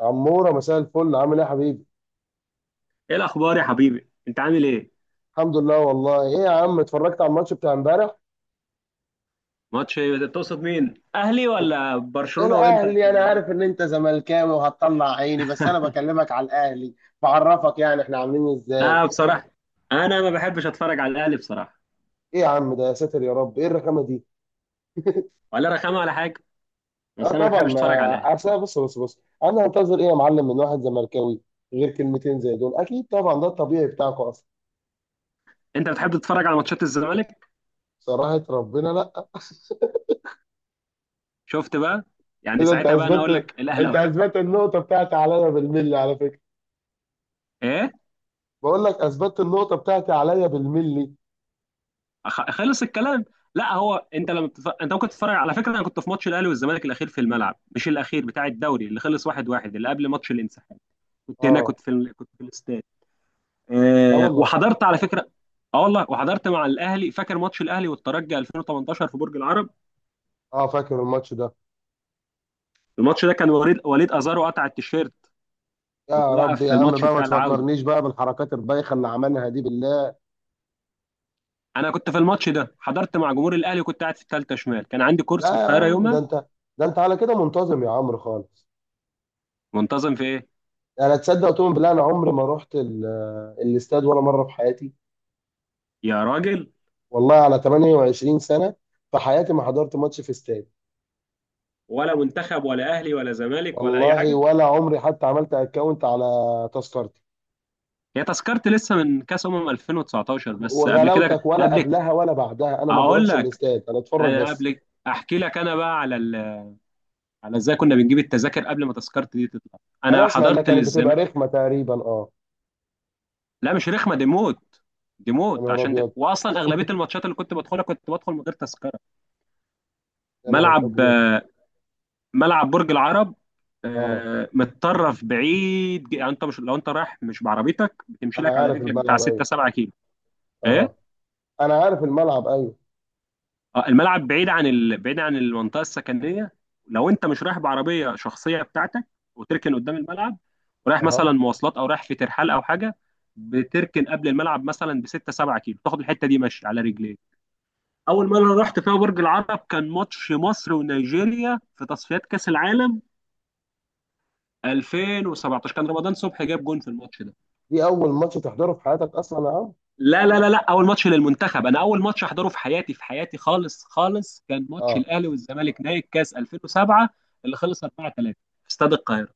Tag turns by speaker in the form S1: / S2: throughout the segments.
S1: عمورة، مساء الفل، عامل ايه يا حبيبي؟
S2: ايه الاخبار يا حبيبي، انت عامل ايه؟
S1: الحمد لله والله. ايه يا عم، اتفرجت على الماتش بتاع امبارح؟
S2: ماتش إيه؟ تقصد مين، اهلي ولا برشلونه وانتر
S1: الاهلي، انا عارف ان انت زملكاوي وهتطلع عيني، بس انا بكلمك على الاهلي. بعرفك يعني احنا عاملين ازاي؟
S2: لا بصراحه، انا ما بحبش اتفرج على الاهلي بصراحه.
S1: ايه يا عم ده، يا ساتر يا رب، ايه الرخامة دي؟
S2: ولا رخامه ولا حاجه،
S1: اه
S2: بس انا ما
S1: طبعا،
S2: بحبش
S1: ما
S2: اتفرج على الاهلي.
S1: اصل بص انا هنتظر ايه يا معلم من واحد زملكاوي غير كلمتين زي دول؟ اكيد طبعا، ده الطبيعي بتاعكم اصلا.
S2: انت بتحب تتفرج على ماتشات الزمالك؟
S1: صراحة ربنا لا.
S2: شفت بقى. يعني
S1: كده انت
S2: ساعتها بقى انا اقول
S1: اثبتت،
S2: لك
S1: انت
S2: الاهلاويه.
S1: اثبتت النقطة بتاعتي عليا بالملي على فكرة.
S2: ايه؟
S1: بقول لك اثبتت النقطة بتاعتي عليا بالملي.
S2: خلص الكلام. لا هو انت انت ممكن تتفرج. على فكره، انا كنت في ماتش الاهلي والزمالك الاخير في الملعب، مش الاخير بتاع الدوري اللي خلص 1-1، اللي قبل ماتش الانسحاب. كنت هناك،
S1: اه.
S2: كنت كنت في الاستاد.
S1: لا
S2: آه،
S1: والله.
S2: وحضرت على فكره. اه والله، وحضرت مع الاهلي. فاكر ماتش الاهلي والترجي 2018 في برج العرب؟
S1: اه فاكر الماتش ده.
S2: الماتش ده كان وليد ازارو قطع التيشيرت
S1: يا رب
S2: وتوقف
S1: يا
S2: في
S1: عم
S2: الماتش
S1: بقى، ما
S2: بتاع العوده.
S1: تفكرنيش بقى بالحركات البايخه اللي عملها دي، بالله.
S2: انا كنت في الماتش ده، حضرت مع جمهور الاهلي وكنت قاعد في الثالثه شمال، كان عندي كورس في
S1: لا يا
S2: القاهره
S1: عم، ده
S2: يومها.
S1: انت ده انت على كده منتظم يا عمرو خالص.
S2: منتظم في ايه؟
S1: انا تصدق تقول بالله، انا عمري ما رحت الاستاد ولا مره في حياتي.
S2: يا راجل.
S1: والله على 28 سنه في حياتي ما حضرت ماتش في استاد.
S2: ولا منتخب ولا اهلي ولا زمالك ولا اي
S1: والله
S2: حاجه.
S1: ولا عمري حتى عملت اكونت على تذكرتي،
S2: هي تذكرتي لسه من كاس 2019، بس قبل كده
S1: وغلاوتك ولا
S2: قبل.
S1: قبلها ولا بعدها، انا ما
S2: اقول
S1: بروحش
S2: لك،
S1: الاستاد، انا اتفرج
S2: انا
S1: بس.
S2: قبل، احكي لك، انا بقى على ال، على ازاي كنا بنجيب التذاكر قبل ما تذكرتي دي تطلع.
S1: انا
S2: انا
S1: اسمع انها
S2: حضرت
S1: كانت بتبقى
S2: للزمان.
S1: رخمه تقريبا، اه.
S2: لا مش رخمه، دي موت. دي
S1: يا
S2: موت،
S1: نهار
S2: عشان
S1: ابيض،
S2: واصلا اغلبيه الماتشات اللي كنت بدخلها كنت بدخل من غير تذكره.
S1: يا نهار
S2: ملعب
S1: ابيض.
S2: آه، ملعب برج العرب.
S1: اه
S2: متطرف بعيد، يعني انت مش لو انت رايح مش بعربيتك بتمشي لك
S1: انا
S2: على
S1: عارف
S2: رجلك بتاع
S1: الملعب،
S2: 6
S1: ايوه.
S2: 7 كيلو.
S1: اه
S2: ايه؟
S1: انا عارف الملعب، ايوه.
S2: اه الملعب بعيد بعيد عن المنطقه السكنيه، لو انت مش رايح بعربيه شخصيه بتاعتك وتركن قدام الملعب، ورايح
S1: اه.
S2: مثلا مواصلات او رايح في ترحال او حاجه، بتركن قبل الملعب مثلا ب 6 7 كيلو، تاخد الحته دي ماشي على رجليك. اول مره رحت فيها برج العرب كان ماتش مصر ونيجيريا في تصفيات كاس العالم 2017، كان رمضان صبحي جاب جون في الماتش ده.
S1: دي اول ماتش تحضره في حياتك اصلا يا عم؟
S2: لا لا لا لا، اول ماتش للمنتخب. انا اول ماتش احضره في حياتي، في حياتي خالص خالص، كان ماتش
S1: اه.
S2: الاهلي والزمالك نهائي الكاس 2007 اللي خلص 4-3 في استاد القاهره.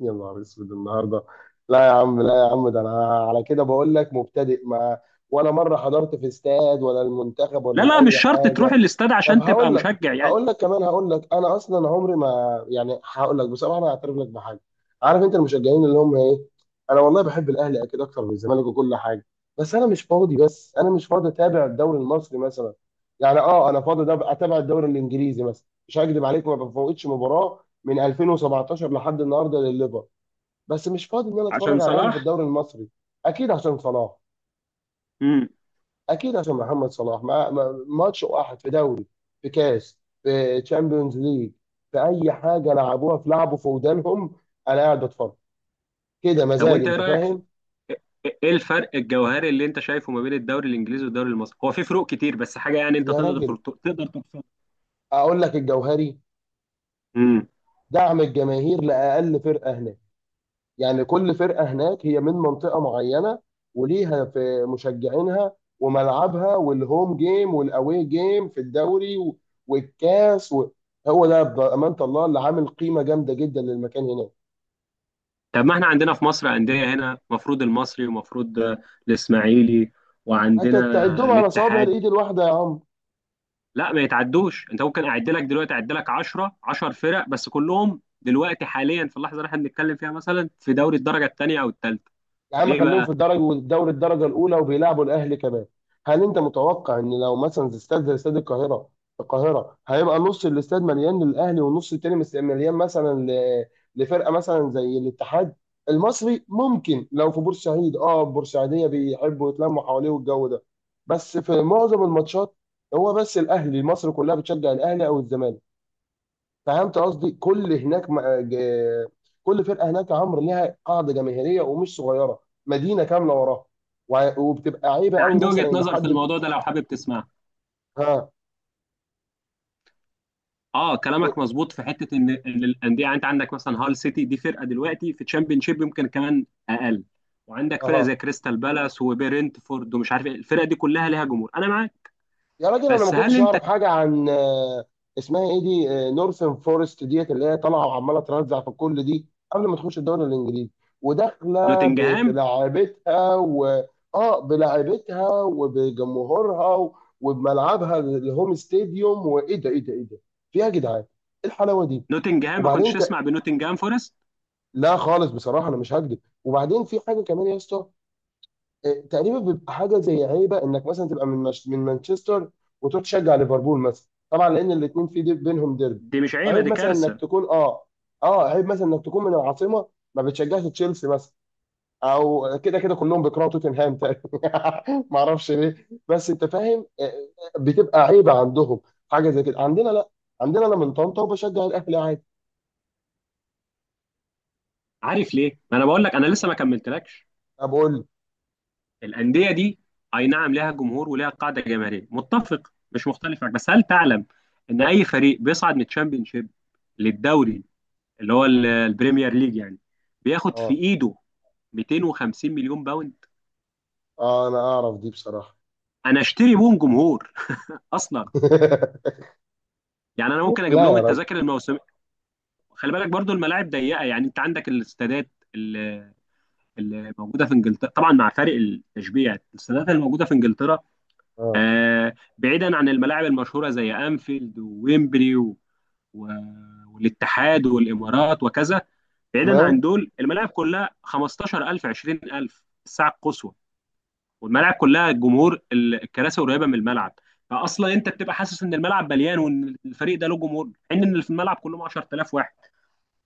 S1: يا نهار اسود النهارده، لا يا عم لا يا عم، ده انا على كده بقول لك مبتدئ، ما ولا مره حضرت في استاد ولا المنتخب ولا
S2: لا لا مش
S1: لاي
S2: شرط تروح
S1: حاجه.
S2: الاستاد
S1: طب
S2: عشان تبقى
S1: هقول لك
S2: مشجع يعني.
S1: هقول لك كمان هقول لك انا اصلا عمري ما، يعني هقول لك بصراحه، انا هعترف لك بحاجه. عارف انت المشجعين اللي هم ايه؟ انا والله بحب الاهلي اكيد اكتر من الزمالك وكل حاجه، بس انا مش فاضي اتابع الدوري المصري مثلا. يعني اه انا فاضي ده اتابع الدوري الانجليزي مثلا، مش هكدب عليك ما بفوتش مباراه من 2017 لحد النهارده للليفر، بس مش فاضي ان انا
S2: عشان
S1: اتفرج على الاهلي في
S2: صلاح.
S1: الدوري المصري. اكيد عشان صلاح.
S2: امم
S1: اكيد عشان محمد صلاح، ماتش واحد في دوري، في كاس، في تشامبيونز ليج، في اي حاجه لعبوها، في لعبه في ودانهم انا قاعد بتفرج، كده
S2: طب
S1: مزاج،
S2: وانت ايه
S1: انت
S2: رايك
S1: فاهم.
S2: ايه الفرق الجوهري اللي انت شايفه ما بين الدوري الانجليزي والدوري المصري؟ هو في فروق كتير بس حاجه يعني انت
S1: يا راجل،
S2: تقدر ترصدها.
S1: اقول لك الجوهري.
S2: امم
S1: دعم الجماهير لاقل فرقه هناك. يعني كل فرقه هناك هي من منطقه معينه، وليها في مشجعينها وملعبها والهوم جيم والاوي جيم في الدوري والكاس هو ده بامانه الله اللي عامل قيمه جامده جدا للمكان هناك.
S2: طب ما احنا عندنا في مصر انديه هنا، مفروض المصري، ومفروض الاسماعيلي،
S1: انت
S2: وعندنا
S1: تعدهم على صوابع
S2: الاتحاد.
S1: الايد الواحده يا عم.
S2: لا ما يتعدوش، انت ممكن اعد لك دلوقتي، اعد لك 10 10 فرق، بس كلهم دلوقتي حاليا في اللحظه اللي احنا بنتكلم فيها مثلا في دوري الدرجه الثانيه او الثالثه.
S1: يا عم
S2: ليه
S1: خليهم في
S2: بقى؟
S1: الدرجه، والدوري الدرجه الاولى وبيلعبوا الاهلي كمان. هل انت متوقع ان لو مثلا زي استاد، زي استاد القاهره، القاهره هيبقى نص الاستاد مليان للاهلي، والنص التاني مليان مثلا لفرقه مثلا زي الاتحاد؟ المصري ممكن لو في بورسعيد، اه البورسعيديه بيحبوا يتلموا حواليه والجو ده، بس في معظم الماتشات هو بس الاهلي، مصر كلها بتشجع الاهلي او الزمالك. فهمت قصدي؟ كل هناك كل فرقه هناك يا عمرو ليها قاعده جماهيريه ومش صغيره، مدينه كامله وراها، وبتبقى عيبه
S2: انا
S1: قوي
S2: عندي وجهه
S1: مثلا ان
S2: نظر في
S1: حد.
S2: الموضوع ده لو حابب تسمعها.
S1: ها.
S2: اه كلامك مظبوط في حته إن الانديه، يعني انت عندك مثلا هال سيتي، دي فرقه دلوقتي في تشامبيون شيب يمكن كمان اقل، وعندك فرقه
S1: اها.
S2: زي كريستال بالاس وبرنتفورد ومش عارف ايه، الفرقه دي كلها ليها جمهور، انا معاك.
S1: يا راجل انا ما
S2: بس هل
S1: كنتش
S2: انت.
S1: اعرف حاجه عن اسمها ايه دي، نورثن فورست ديت اللي هي طالعه وعماله ترزع في الكل دي، قبل ما تخش الدوري الانجليزي وداخله في
S2: نوتنجهام.
S1: لعبتها و اه بلعبتها وبجمهورها وبملعبها الهوم ستاديوم. وايه ده ايه ده ايه ده، في ايه يا جدعان، ايه الحلاوه دي؟
S2: نوتنجهام ما
S1: وبعدين
S2: كنتش
S1: انت،
S2: تسمع بنوتنجهام فورست؟
S1: لا خالص بصراحه انا مش هكذب. وبعدين في حاجه كمان يا اسطى، تقريبا بيبقى حاجه زي عيبه انك مثلا تبقى من مش... من مانشستر وتروح تشجع ليفربول مثلا، طبعا لان الاثنين في ديب بينهم ديربي.
S2: دي مش عيبه،
S1: عيب
S2: دي
S1: مثلا انك
S2: كارثه.
S1: تكون اه، اه عيب مثلا انك تكون من العاصمه ما بتشجعش تشيلسي مثلا، او كده كده كلهم بيكرهوا توتنهام تقريبا ما اعرفش ليه، بس انت فاهم، بتبقى عيبه عندهم. حاجه زي كده عندنا لا، عندنا انا من طنطا وبشجع الاهلي عادي.
S2: عارف ليه؟ ما انا بقول لك انا لسه ما كملتلكش.
S1: بقول.
S2: الانديه دي اي نعم لها جمهور ولها قاعده جماهيريه، متفق مش مختلف معك، بس هل تعلم ان اي فريق بيصعد من الشامبيونشيب للدوري، اللي هو البريمير ليج يعني، بياخد في
S1: اه.
S2: ايده 250 مليون باوند؟
S1: اه انا اعرف دي بصراحه.
S2: انا اشتري بهم جمهور اصلا. يعني انا ممكن اجيب
S1: لا
S2: لهم
S1: يا راجل.
S2: التذاكر الموسميه. خلي بالك برضو الملاعب ضيقه، يعني انت عندك الاستادات اللي موجوده في انجلترا، طبعا مع فارق التشبيه، يعني الاستادات اللي موجوده في انجلترا،
S1: اه.
S2: بعيدا عن الملاعب المشهورة زي أنفيلد وويمبلي و... والاتحاد والإمارات وكذا. بعيدا عن
S1: تمام.
S2: دول الملاعب كلها 15000 20000 الساعة القصوى، والملاعب كلها جمهور، الكراسي قريبة من الملعب. فأصلا أنت بتبقى حاسس إن الملعب مليان وإن الفريق ده له جمهور، حين إن اللي في الملعب كلهم 10000 واحد.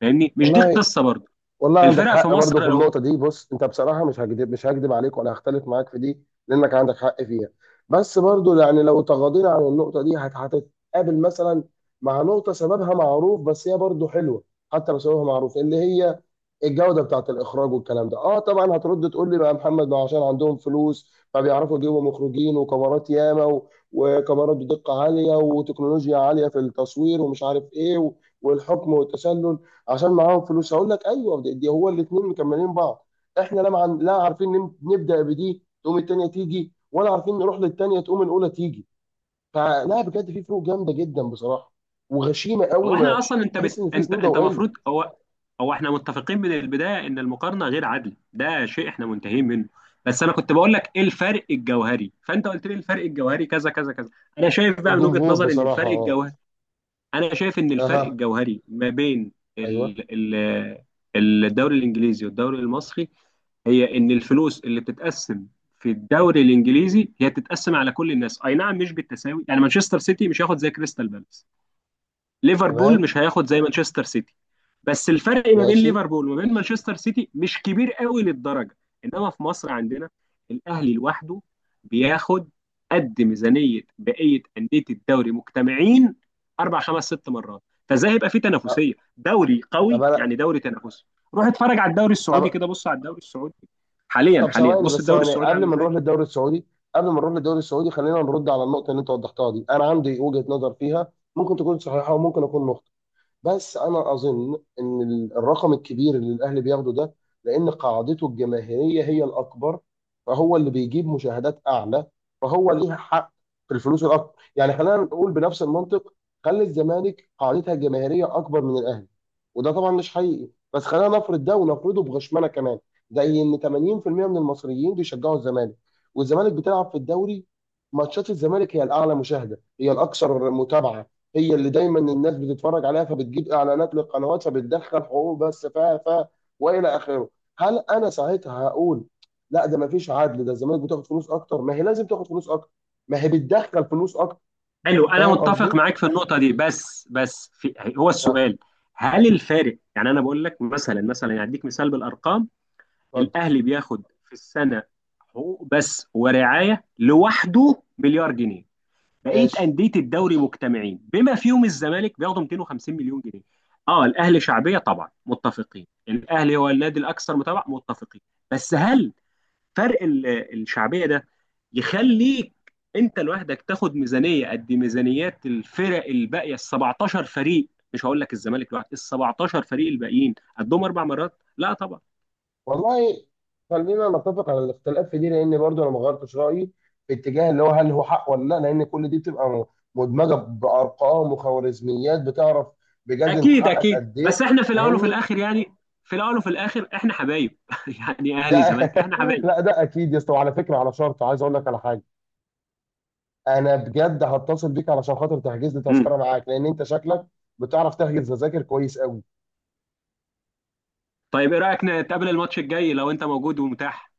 S2: فاهمني؟ مش دي
S1: والله
S2: القصة برضه.
S1: والله عندك
S2: الفرق في
S1: حق برضه في
S2: مصر لو،
S1: النقطة دي. بص انت بصراحة مش هكدب، مش هكدب عليك ولا هختلف معاك في دي لانك عندك حق فيها. بس برضه يعني لو تغاضينا عن النقطة دي هتتقابل مثلا مع نقطة سببها معروف، بس هي برضه حلوة حتى لو سببها معروف، اللي هي الجودة بتاعت الإخراج والكلام ده. اه طبعا هترد تقول لي بقى يا محمد، ما عشان عندهم فلوس فبيعرفوا يجيبوا مخرجين وكاميرات ياما، وكاميرات بدقة عالية وتكنولوجيا عالية في التصوير ومش عارف ايه والحكم والتسلل. عشان معاهم فلوس، هقول لك ايوه، دي هو الاثنين مكملين بعض. احنا لا لا عارفين نبدا بدي تقوم الثانيه تيجي، ولا عارفين نروح للثانيه تقوم الاولى تيجي. فلا بجد في فروق جامده جدا بصراحه وغشيمه
S2: هو
S1: قوي،
S2: احنا
S1: ما
S2: اصلا
S1: تحس ان في
S2: انت
S1: سنين
S2: انت
S1: ضوئيه.
S2: المفروض، هو هو احنا متفقين من البدايه ان المقارنه غير عادله، ده شيء احنا منتهين منه. بس انا كنت بقول لك ايه الفرق الجوهري فانت قلت لي الفرق الجوهري كذا كذا كذا. انا شايف بقى من وجهه
S1: الجمهور
S2: نظري ان
S1: بصراحه،
S2: الفرق
S1: اه.
S2: الجوهري، انا شايف ان الفرق
S1: اها.
S2: الجوهري ما بين
S1: ايوه.
S2: ال... الدوري الانجليزي والدوري المصري، هي ان الفلوس اللي بتتقسم في الدوري الانجليزي هي بتتقسم على كل الناس، اي نعم مش بالتساوي، يعني مانشستر سيتي مش هياخد زي كريستال بالاس، ليفربول
S1: تمام.
S2: مش هياخد زي مانشستر سيتي، بس الفرق ما بين
S1: ماشي.
S2: ليفربول وما بين مانشستر سيتي مش كبير قوي للدرجه. انما في مصر عندنا الاهلي لوحده بياخد قد ميزانيه بقيه انديه الدوري مجتمعين اربع خمس ست مرات. فازاي هيبقى في
S1: أه.
S2: تنافسيه دوري
S1: طب
S2: قوي،
S1: انا.
S2: يعني دوري تنافسي؟ روح اتفرج على الدوري السعودي
S1: طب.
S2: كده، بص على الدوري السعودي حاليا
S1: طب
S2: حاليا،
S1: ثواني
S2: بص
S1: بس،
S2: الدوري
S1: ثواني
S2: السعودي
S1: قبل
S2: عامل
S1: ما نروح
S2: ازاي.
S1: للدوري السعودي، قبل ما نروح للدوري السعودي خلينا نرد على النقطه اللي انت وضحتها دي. انا عندي وجهه نظر فيها، ممكن تكون صحيحه وممكن اكون مخطئ، بس انا اظن ان الرقم الكبير اللي الاهلي بياخده ده، لان قاعدته الجماهيريه هي الاكبر، فهو اللي بيجيب مشاهدات اعلى، فهو ليه حق في الفلوس الاكبر. يعني خلينا نقول بنفس المنطق، خلي الزمالك قاعدتها الجماهيريه اكبر من الاهلي، وده طبعا مش حقيقي بس خلينا نفرض ده، ونفرضه بغشمنه كمان، زي ان 80% من المصريين بيشجعوا الزمالك، والزمالك بتلعب في الدوري، ماتشات الزمالك هي الاعلى مشاهده، هي الاكثر متابعه، هي اللي دايما الناس بتتفرج عليها، فبتجيب اعلانات للقنوات، فبتدخل حقوق بس ف والى اخره. هل انا ساعتها هقول لا ده ما فيش عدل، ده الزمالك بتاخد فلوس اكتر ما هي لازم تاخد فلوس اكتر، ما هي بتدخل فلوس اكتر.
S2: حلو، انا
S1: فاهم
S2: متفق
S1: قصدي؟
S2: معاك في النقطه دي، بس في هو
S1: ها.
S2: السؤال، هل الفارق، يعني انا بقول لك مثلا، مثلا يعني اديك مثال بالارقام.
S1: اتفضل.
S2: الاهلي بياخد في السنه حقوق بس ورعايه لوحده مليار جنيه. بقيه
S1: ماشي.
S2: انديه الدوري مجتمعين بما فيهم الزمالك بياخدوا 250 مليون جنيه. اه الاهلي شعبيه طبعا متفقين، الاهلي هو النادي الاكثر متابعه متفقين، بس هل فرق ال- الشعبيه ده يخليك انت لوحدك تاخد ميزانيه قد ميزانيات الفرق الباقيه ال 17 فريق؟ مش هقول لك الزمالك لوحده، ال 17 فريق الباقيين قدهم اربع مرات، لا طبعا.
S1: والله خلينا نتفق على الاختلاف في دي، لان برضو انا ما غيرتش رايي في اتجاه اللي هو هل هو حق ولا لا، لان كل دي بتبقى مدمجه بارقام وخوارزميات، بتعرف بجد انت
S2: اكيد
S1: حقك
S2: اكيد،
S1: قد
S2: بس
S1: ايه.
S2: احنا في الاول وفي
S1: فاهمني.
S2: الاخر يعني، في الاول وفي الاخر احنا حبايب يعني
S1: ده
S2: اهلي زمالك احنا حبايب.
S1: لا ده اكيد يا اسطى، وعلى فكره على شرط عايز اقول لك على حاجه، انا بجد هتصل بيك علشان خاطر تحجز لي
S2: مم.
S1: تذكره معاك، لان انت شكلك بتعرف تحجز تذاكر كويس قوي.
S2: طيب ايه رايك نتقابل الماتش الجاي لو انت موجود ومتاح؟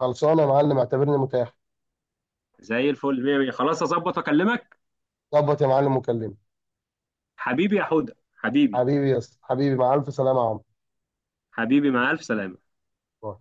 S1: خلصانه يا معلم، اعتبرني متاح.
S2: زي الفل، مية مية، خلاص اظبط واكلمك.
S1: ظبط يا معلم وكلمني.
S2: حبيبي يا حوده حبيبي.
S1: حبيبي يا اسطى حبيبي، مع الف سلامه يا عمرو.
S2: حبيبي مع الف سلامه.
S1: باي.